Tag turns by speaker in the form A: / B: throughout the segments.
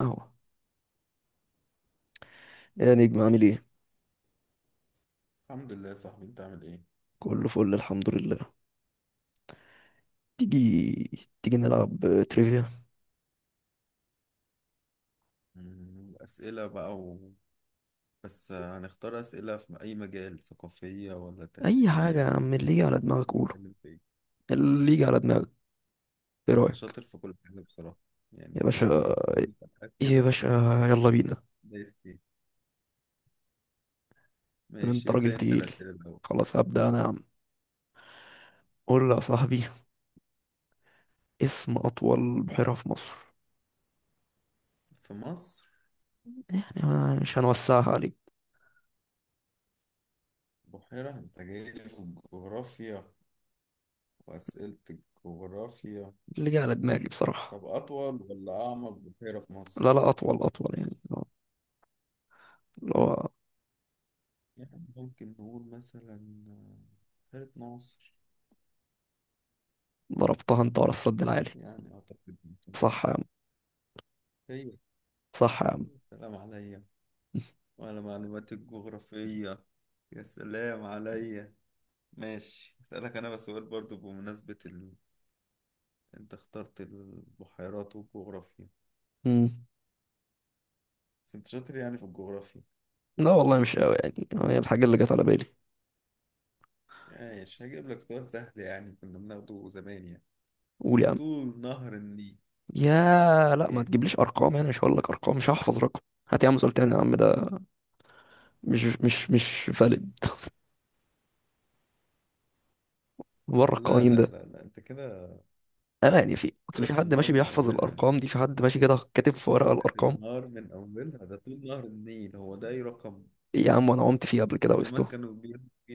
A: اهو، يا نجم، عامل ايه؟
B: الحمد لله يا صاحبي، انت عامل ايه؟
A: كله فل، الحمد لله. تيجي تيجي نلعب تريفيا.
B: اسئله بقى بس هنختار اسئله في اي مجال، ثقافيه ولا
A: اي
B: تاريخيه
A: حاجه يا
B: ولا
A: عم، اللي يجي على دماغك قوله.
B: نتكلم في ايه؟
A: اللي يجي على دماغك، ايه
B: انا
A: رايك؟
B: شاطر في كل حاجه بصراحه،
A: يا
B: يعني
A: باشا،
B: تلاقيني في كل الحاجات
A: ايه يا
B: كده.
A: باشا، يلا بينا.
B: دايس فيه.
A: طب انت
B: ماشي،
A: راجل
B: ابدا انت
A: تقيل.
B: الاسئله الاول.
A: خلاص هبدا انا يا عم. قول لي يا صاحبي، اسم اطول بحيره في مصر.
B: في مصر؟
A: يعني أنا مش هنوسعها عليك.
B: بحيره؟ انت جاي لي في الجغرافيا واسئله الجغرافيا.
A: اللي جه على دماغي بصراحه.
B: طب اطول ولا اعمق بحيره في مصر؟
A: لا لا، اطول اطول يعني، اللي هو
B: يعني ممكن نقول مثلا آه، بحيره ناصر.
A: ضربتها انت ورا السد العالي.
B: يعني أعتقد ممكن.
A: صح يا عم،
B: هي
A: صح يا عم.
B: سلام عليا وعلى معلوماتي الجغرافية، يا سلام عليا. ماشي أسألك أنا بس سؤال برضو بمناسبة أنت اخترت البحيرات والجغرافيا،
A: مم.
B: بس أنت شاطر يعني في الجغرافيا؟
A: لا والله، مش قوي يعني، هي الحاجة اللي جت على بالي.
B: ماشي هجيب لك سؤال سهل، يعني كنا بناخده زمان يعني.
A: قول يا عم.
B: طول نهر النيل
A: يا لا، ما
B: كام؟
A: تجيبليش ارقام، يعني مش هقول لك ارقام، مش هحفظ رقم. هات يا عم سؤال تاني يا عم، ده مش فالid، بره
B: لا
A: القوانين
B: لا
A: ده.
B: لا لا، أنت كده
A: انا يعني، في اصل،
B: كده
A: في حد
B: بتنهار
A: ماشي
B: من
A: بيحفظ
B: أولها.
A: الارقام دي؟ في حد ماشي كده كاتب في ورقة الارقام؟
B: بتنهار من أولها، ده طول نهر النيل، هو ده أي رقم؟
A: إيه يا عم، انا قمت فيه قبل كده
B: ده زمان
A: وسته،
B: كانوا بياخدوا فيه،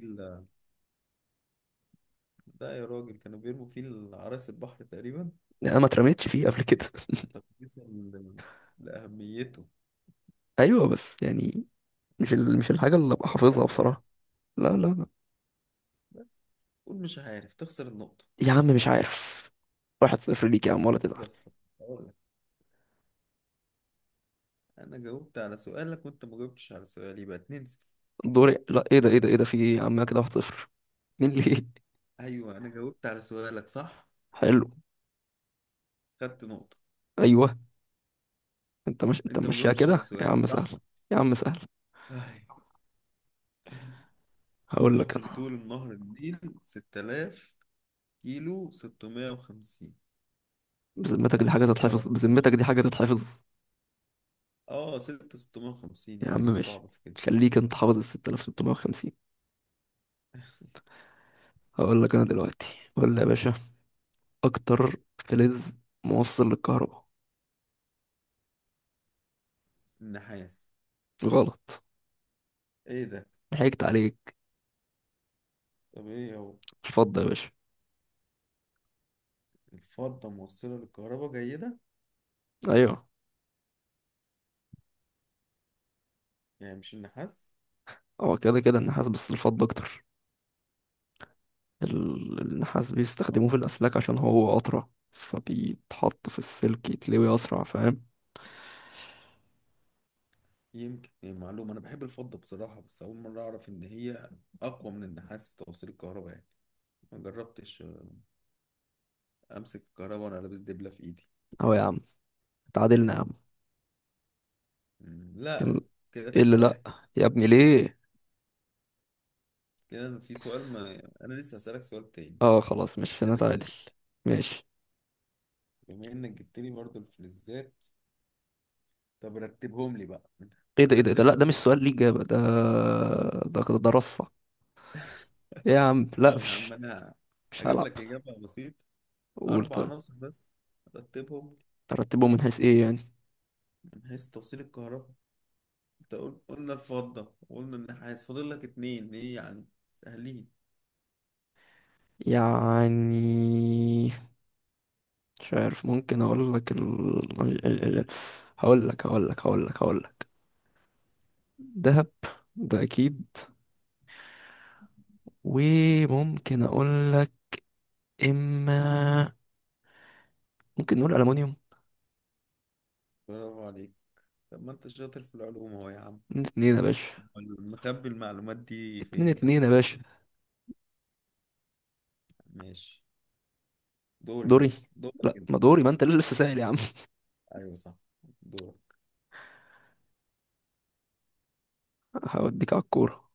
B: ده يا راجل كانوا بيرموا فيه العرايس البحر تقريبا
A: يعني انا ما اترميتش فيه قبل كده.
B: تقديسا لأهميته.
A: ايوه بس يعني، مش الحاجة اللي ابقى
B: سؤال
A: حافظها
B: سهل يعني
A: بصراحة. لا لا لا.
B: بس. قول مش عارف، تخسر النقطة.
A: يا عم مش عارف. 1-0 ليك يا عم، ولا تزعل.
B: بس أقول لك، أنا جاوبت على سؤالك وأنت ما جاوبتش على سؤالي، يبقى 2-0.
A: دوري؟ لا، ايه ده ايه ده, ايه ده، في ايه يا عم كده 1-0؟ مين ليه؟
B: أيوه، أنا جاوبت على سؤالك صح،
A: حلو.
B: خدت نقطة،
A: ايوه. انت مش انت
B: أنت ما
A: ماشيها
B: جاوبتش على
A: كده يا
B: سؤالي
A: عم سهل،
B: صح.
A: يا عم سهل.
B: أي،
A: هقول لك
B: عامة
A: انا.
B: طول النهر النيل 6000 كيلو 650.
A: بذمتك دي حاجه
B: احفظ بقى
A: تتحفظ؟
B: الرقم ده عشان
A: بذمتك دي
B: حاجة.
A: حاجه تتحفظ؟
B: أه 6650 يا
A: يا عم
B: عم، إيه
A: ماشي،
B: الصعب في كده؟
A: خليك انت حافظ ال 6,650. هقول لك انا دلوقتي. قول لي يا باشا. اكتر فلز موصل للكهرباء.
B: النحاس.
A: غلط،
B: ايه ده؟
A: ضحكت عليك،
B: طب ايه هو؟
A: الفضه يا باشا.
B: الفضة موصلة للكهرباء جيدة،
A: ايوه،
B: يعني مش النحاس.
A: هو كده كده النحاس، بس الفضه اكتر. النحاس بيستخدموه في
B: اه،
A: الاسلاك عشان هو اطرى، فبيتحط في السلك يتلوي اسرع، فاهم؟
B: يمكن إيه معلومة، أنا بحب الفضة بصراحة، بس أول مرة أعرف إن هي أقوى من النحاس في توصيل الكهرباء يعني. ما جربتش أمسك الكهرباء وأنا لابس دبلة في إيدي.
A: اهو يا عم، تعادلنا يا عم.
B: مم،
A: كان.
B: لا. كده
A: ايه
B: اتنين
A: اللي لا؟
B: واحد
A: يا ابني ليه؟
B: كده أنا في سؤال، ما أنا لسه هسألك سؤال تاني
A: اه خلاص، مش
B: اللي بعد.
A: هنتعادل. ماشي.
B: بما إنك جبت لي برضه الفلزات، طب رتبهم لي بقى.
A: ايه ده ايه ده, إيه ده،
B: رتب
A: لا،
B: لي.
A: ده مش سؤال ليه اجابه، ده ده رصه. إيه يا عم
B: لا
A: لا
B: يا عم،
A: مش،
B: أنا
A: مش
B: هجيب
A: هلعب.
B: لك إجابة بسيطة،
A: قول
B: أربع
A: طيب.
B: عناصر بس. رتبهم
A: ترتبهم من حيث ايه يعني؟
B: من حيث توصيل الكهرباء. أنت قلنا الفضة وقلنا النحاس، فاضل لك اتنين إيه يعني، سهلين
A: يعني مش عارف، ممكن اقول لك ال... ال... ال... هقول لك دهب، ده اكيد،
B: بس.
A: وممكن اقول لك، اما ممكن نقول المونيوم.
B: برافو عليك. طب ما أنت شاطر في العلوم أهو يا عم،
A: 2-2 يا باشا،
B: أمال مكب المعلومات دي
A: اتنين
B: فين
A: اتنين يا
B: بس؟
A: باشا.
B: ماشي، دوري
A: دوري؟
B: بقى. دورك
A: لا،
B: أنت.
A: ما دوري، ما انت اللي لسه سائل يا عم.
B: ايوه صح، دورك.
A: هوديك على الكورة.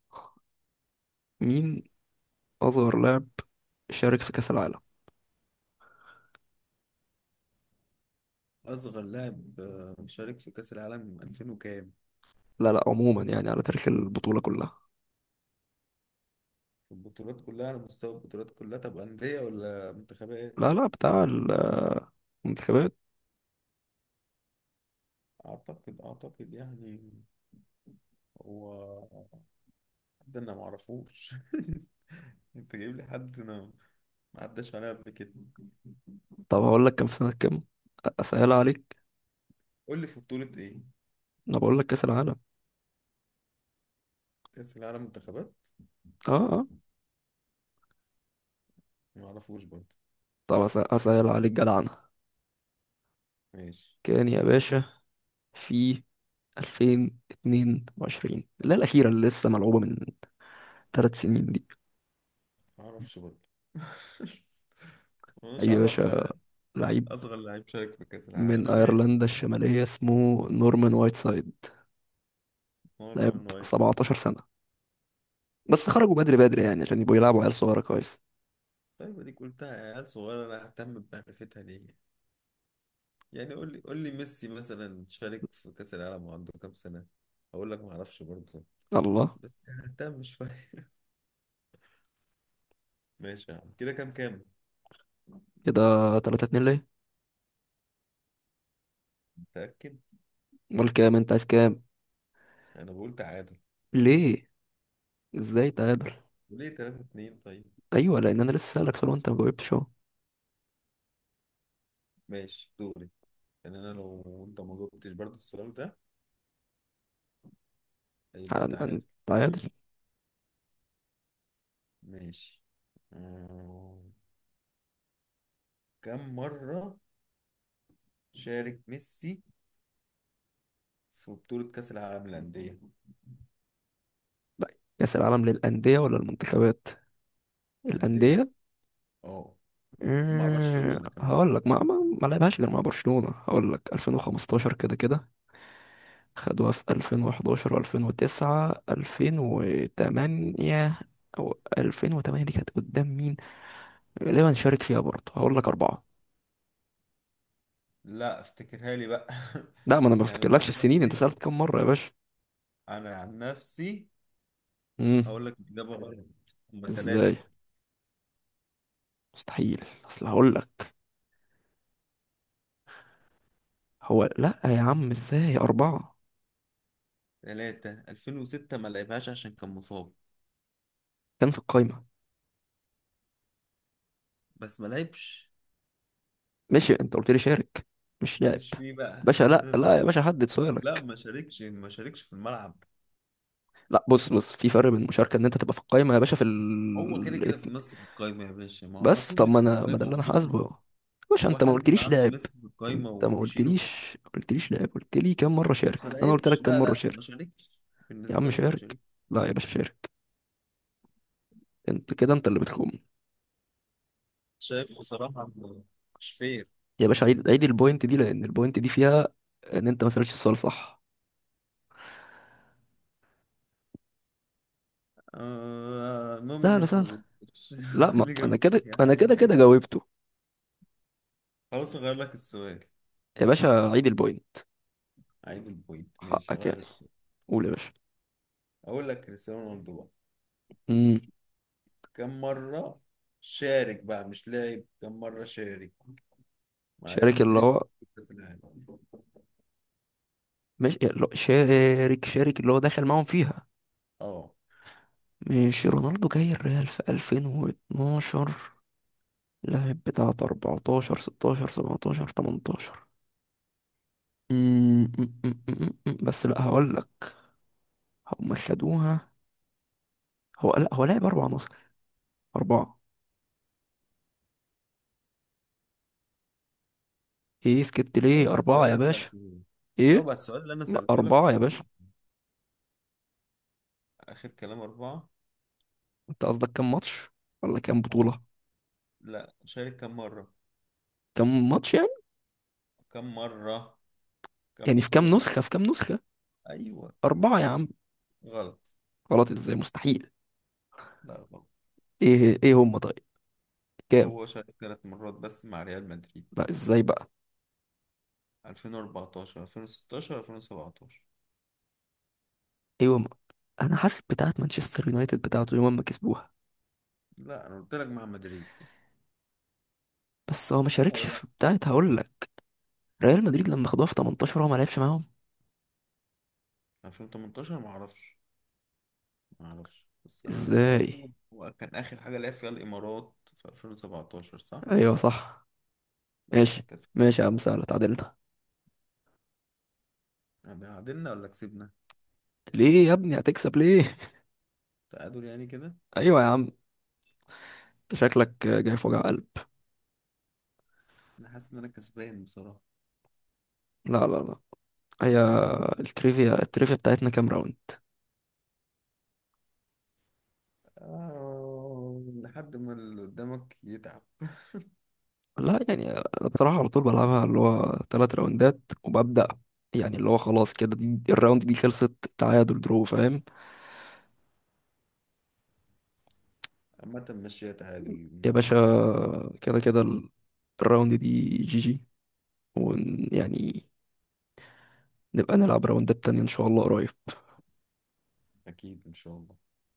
A: مين أصغر لاعب شارك في كأس العالم؟
B: أصغر لاعب شارك في كأس العالم 2000 وكام؟
A: لا لا، عموما يعني، على تاريخ البطولة كلها.
B: في البطولات كلها، على مستوى البطولات كلها، طب أندية ولا منتخبات؟
A: لا لا، بتاع المنتخبات.
B: أعتقد يعني، هو، ده انا معرفوش. انت جايب لي حد انا ما عداش عليا قبل كده.
A: طب هقول لك كان في سنة كام، أسهل عليك.
B: قول لي في بطولة ايه؟
A: أنا بقول لك كأس العالم.
B: كأس العالم منتخبات؟
A: اه اه.
B: ما اعرفوش برضه.
A: طب أسهل عليك جدعنة.
B: ماشي.
A: كان يا باشا في 2022، لا، الأخيرة اللي لسه ملعوبة من 3 سنين دي.
B: ما اعرفش برضه.
A: أي
B: مش
A: يا
B: عارف ان
A: باشا
B: انا
A: لعيب.
B: اصغر لعيب شارك في كأس العالم
A: من
B: انا مالي.
A: أيرلندا الشمالية، اسمه نورمان وايت سايد.
B: نورمان
A: لعب
B: وايت.
A: 17 سنة، بس خرجوا بدري بدري يعني، عشان يبقوا يلعبوا عيال صغيرة كويس.
B: طيب اديك قلتها، يا عيال صغيرة انا ههتم بمعرفتها ليه؟ يعني قول لي، قول لي ميسي مثلا شارك في كأس العالم وعنده كام سنة؟ هقول لك ما اعرفش برضه،
A: الله.
B: بس ههتم شوية. ماشي يا عم، كده كام؟
A: كده 3-2، ليه؟
B: متأكد؟
A: امال كام؟ انت عايز كام؟
B: انا بقول تعادل.
A: ليه؟ ازاي تعادل؟
B: ليه 3-2 طيب.
A: ايوه، لان انا لسه سألك سؤال وانت ما جاوبتش اهو.
B: ماشي، دوري. يعني أنا لو أنت ما جاوبتش برضه السؤال ده هيبقى تعادل،
A: تعادل؟
B: تمام؟ ماشي. آه، كم مرة شارك ميسي في بطولة كأس العالم للأندية؟
A: لا، كأس العالم للأندية ولا المنتخبات؟
B: أندية،
A: الأندية.
B: أه، ومع برشلونة كمان.
A: هقول لك ما لعبهاش غير مع برشلونة، هقول لك 2015 كده كده. خدوها في 2011 و2009 2008، او 2008 دي كانت قدام مين؟ غالبا شارك فيها برضه، هقول لك أربعة.
B: لا، افتكرها لي بقى.
A: لا، ما أنا ما
B: يعني أنا
A: بفتكرلكش
B: عن
A: السنين، أنت
B: نفسي،
A: سألت كم مرة يا باشا.
B: أنا عن نفسي
A: امم
B: أقول لك الإجابة غلط. هما
A: إزاي؟
B: تلاتة.
A: مستحيل، أصل هقول لك، هو، لا يا عم، إزاي أربعة؟
B: تلاتة، 2006 ما لعبهاش عشان كان مصاب،
A: كان في القايمة.
B: بس ما لعبش.
A: ماشي، أنت قلت لي شارك، مش لاعب.
B: ماليش فيه بقى.
A: باشا، لا لا يا باشا، حدد
B: لا،
A: سؤالك.
B: ما شاركش، ما شاركش في الملعب.
A: لا، بص بص، في فرق بين المشاركة إن أنت تبقى في القايمة يا باشا، في
B: هو كده
A: ال
B: كده في ميسي في القايمة يا باشا، ما هو على
A: بس
B: طول
A: طب، ما
B: ميسي في
A: أنا ما، ده
B: القايمة
A: اللي
B: هو
A: أنا
B: بيخرج.
A: حاسبه. باشا
B: هو
A: أنت ما
B: حد يبقى
A: قلتليش
B: عنده
A: لاعب.
B: ميسي في القايمة
A: أنت ما
B: ويشيله؟
A: قلتليش لاعب، قلت لي كم مرة
B: ما
A: شارك، أنا قلت
B: لعبش.
A: لك كم
B: لا
A: مرة
B: لا،
A: شارك.
B: ما شاركش.
A: يا عم
B: بالنسبة لي ما
A: شارك.
B: شاركش.
A: لا يا باشا، شارك. انت كده، انت اللي بتخم.
B: شايف بصراحة، مش فير.
A: يا باشا، عيد البوينت دي، لان البوينت دي فيها ان انت ما سالتش السؤال صح.
B: آه المهم إن
A: سهلة
B: أنت ما
A: سهلة.
B: جاوبتش
A: لا، ما
B: الإجابة
A: انا كده،
B: الصحيحة،
A: انا
B: ولا
A: كده
B: أنا
A: كده
B: عادي.
A: جاوبته.
B: خلاص أغير لك السؤال.
A: يا باشا، عيد البوينت.
B: عيب البوينت، ماشي
A: حقك يعني.
B: أغير السؤال.
A: قول يا باشا.
B: أقول لك كريستيانو رونالدو بقى،
A: امم
B: كم مرة شارك بقى، مش لاعب، كم مرة شارك مع ريال
A: شارك اللي
B: مدريد
A: هو،
B: ستة في العالم.
A: مش اللي هو- شارك اللي هو دخل معاهم فيها.
B: اه.
A: مش رونالدو جاي الريال في 2012، لاعب بتاعت 14 16 17 18. أمم، أمم، أمم، أمم. بس لا هقول لك، هم خدوها. هو، لا هو لعب اربع عناصر. أربعة. إيه سكت ليه
B: جاوب على السؤال
A: أربعة
B: اللي
A: يا
B: انا
A: باشا؟
B: سألته لك. جاوب
A: إيه؟
B: على السؤال اللي انا
A: ما
B: سألته لك،
A: أربعة
B: كنت
A: يا
B: بتقول
A: باشا.
B: اخر كلام اربعة.
A: أنت قصدك كام ماتش، ولا كام
B: اه.
A: بطولة؟
B: لا، شارك كم مرة،
A: كام ماتش يعني.
B: كم مرة كم
A: يعني في كام
B: بطولة
A: نسخة، في كام نسخة.
B: ايوه.
A: أربعة يا عم.
B: غلط.
A: غلط. إزاي مستحيل.
B: لا غلط.
A: إيه إيه هم طيب. كام.
B: هو شارك 3 مرات بس مع ريال مدريد،
A: لا، إزاي بقى.
B: 2014، 2016، 2017.
A: إيه هم. أنا حاسب بتاعة مانشستر يونايتد، بتاعته يوم ما كسبوها.
B: لا انا قلت لك مع مدريد.
A: بس هو ما
B: صح
A: شاركش
B: ولا لا؟
A: في بتاعة، هقول لك ريال مدريد لما خدوها في 18 هو ما لعبش معاهم.
B: 2018 ما اعرفش. ما اعرفش، بس انا اللي
A: إزاي؟
B: اعرفه هو كان اخر حاجه لعب فيها الامارات في 2017 صح.
A: أيوه صح.
B: بس
A: ماشي،
B: كانت.
A: ماشي يا عم
B: طبعا.
A: سهلة، اتعادلنا.
B: يعني عدلنا ولا كسبنا؟
A: ليه يا ابني، هتكسب ليه؟
B: تعادل يعني كده.
A: ايوه يا عم، انت شكلك جاي في وجع قلب.
B: انا حاسس ان انا كسبان بصراحة.
A: لا لا لا. هي. التريفيا التريفيا بتاعتنا كام راوند؟
B: آه لحد ما اللي قدامك يتعب.
A: لا، يعني انا بصراحه على طول بلعبها اللي هو 3 راوندات وببدا، يعني اللي هو خلاص كده، دي الراوند دي خلصت تعادل درو، فاهم؟
B: عامة مش تعادل
A: يا باشا،
B: الماتش.
A: كده كده الراوند دي جي جي، ويعني نبقى نلعب راوندات تانية ان شاء الله قريب.
B: اكيد ان شاء الله.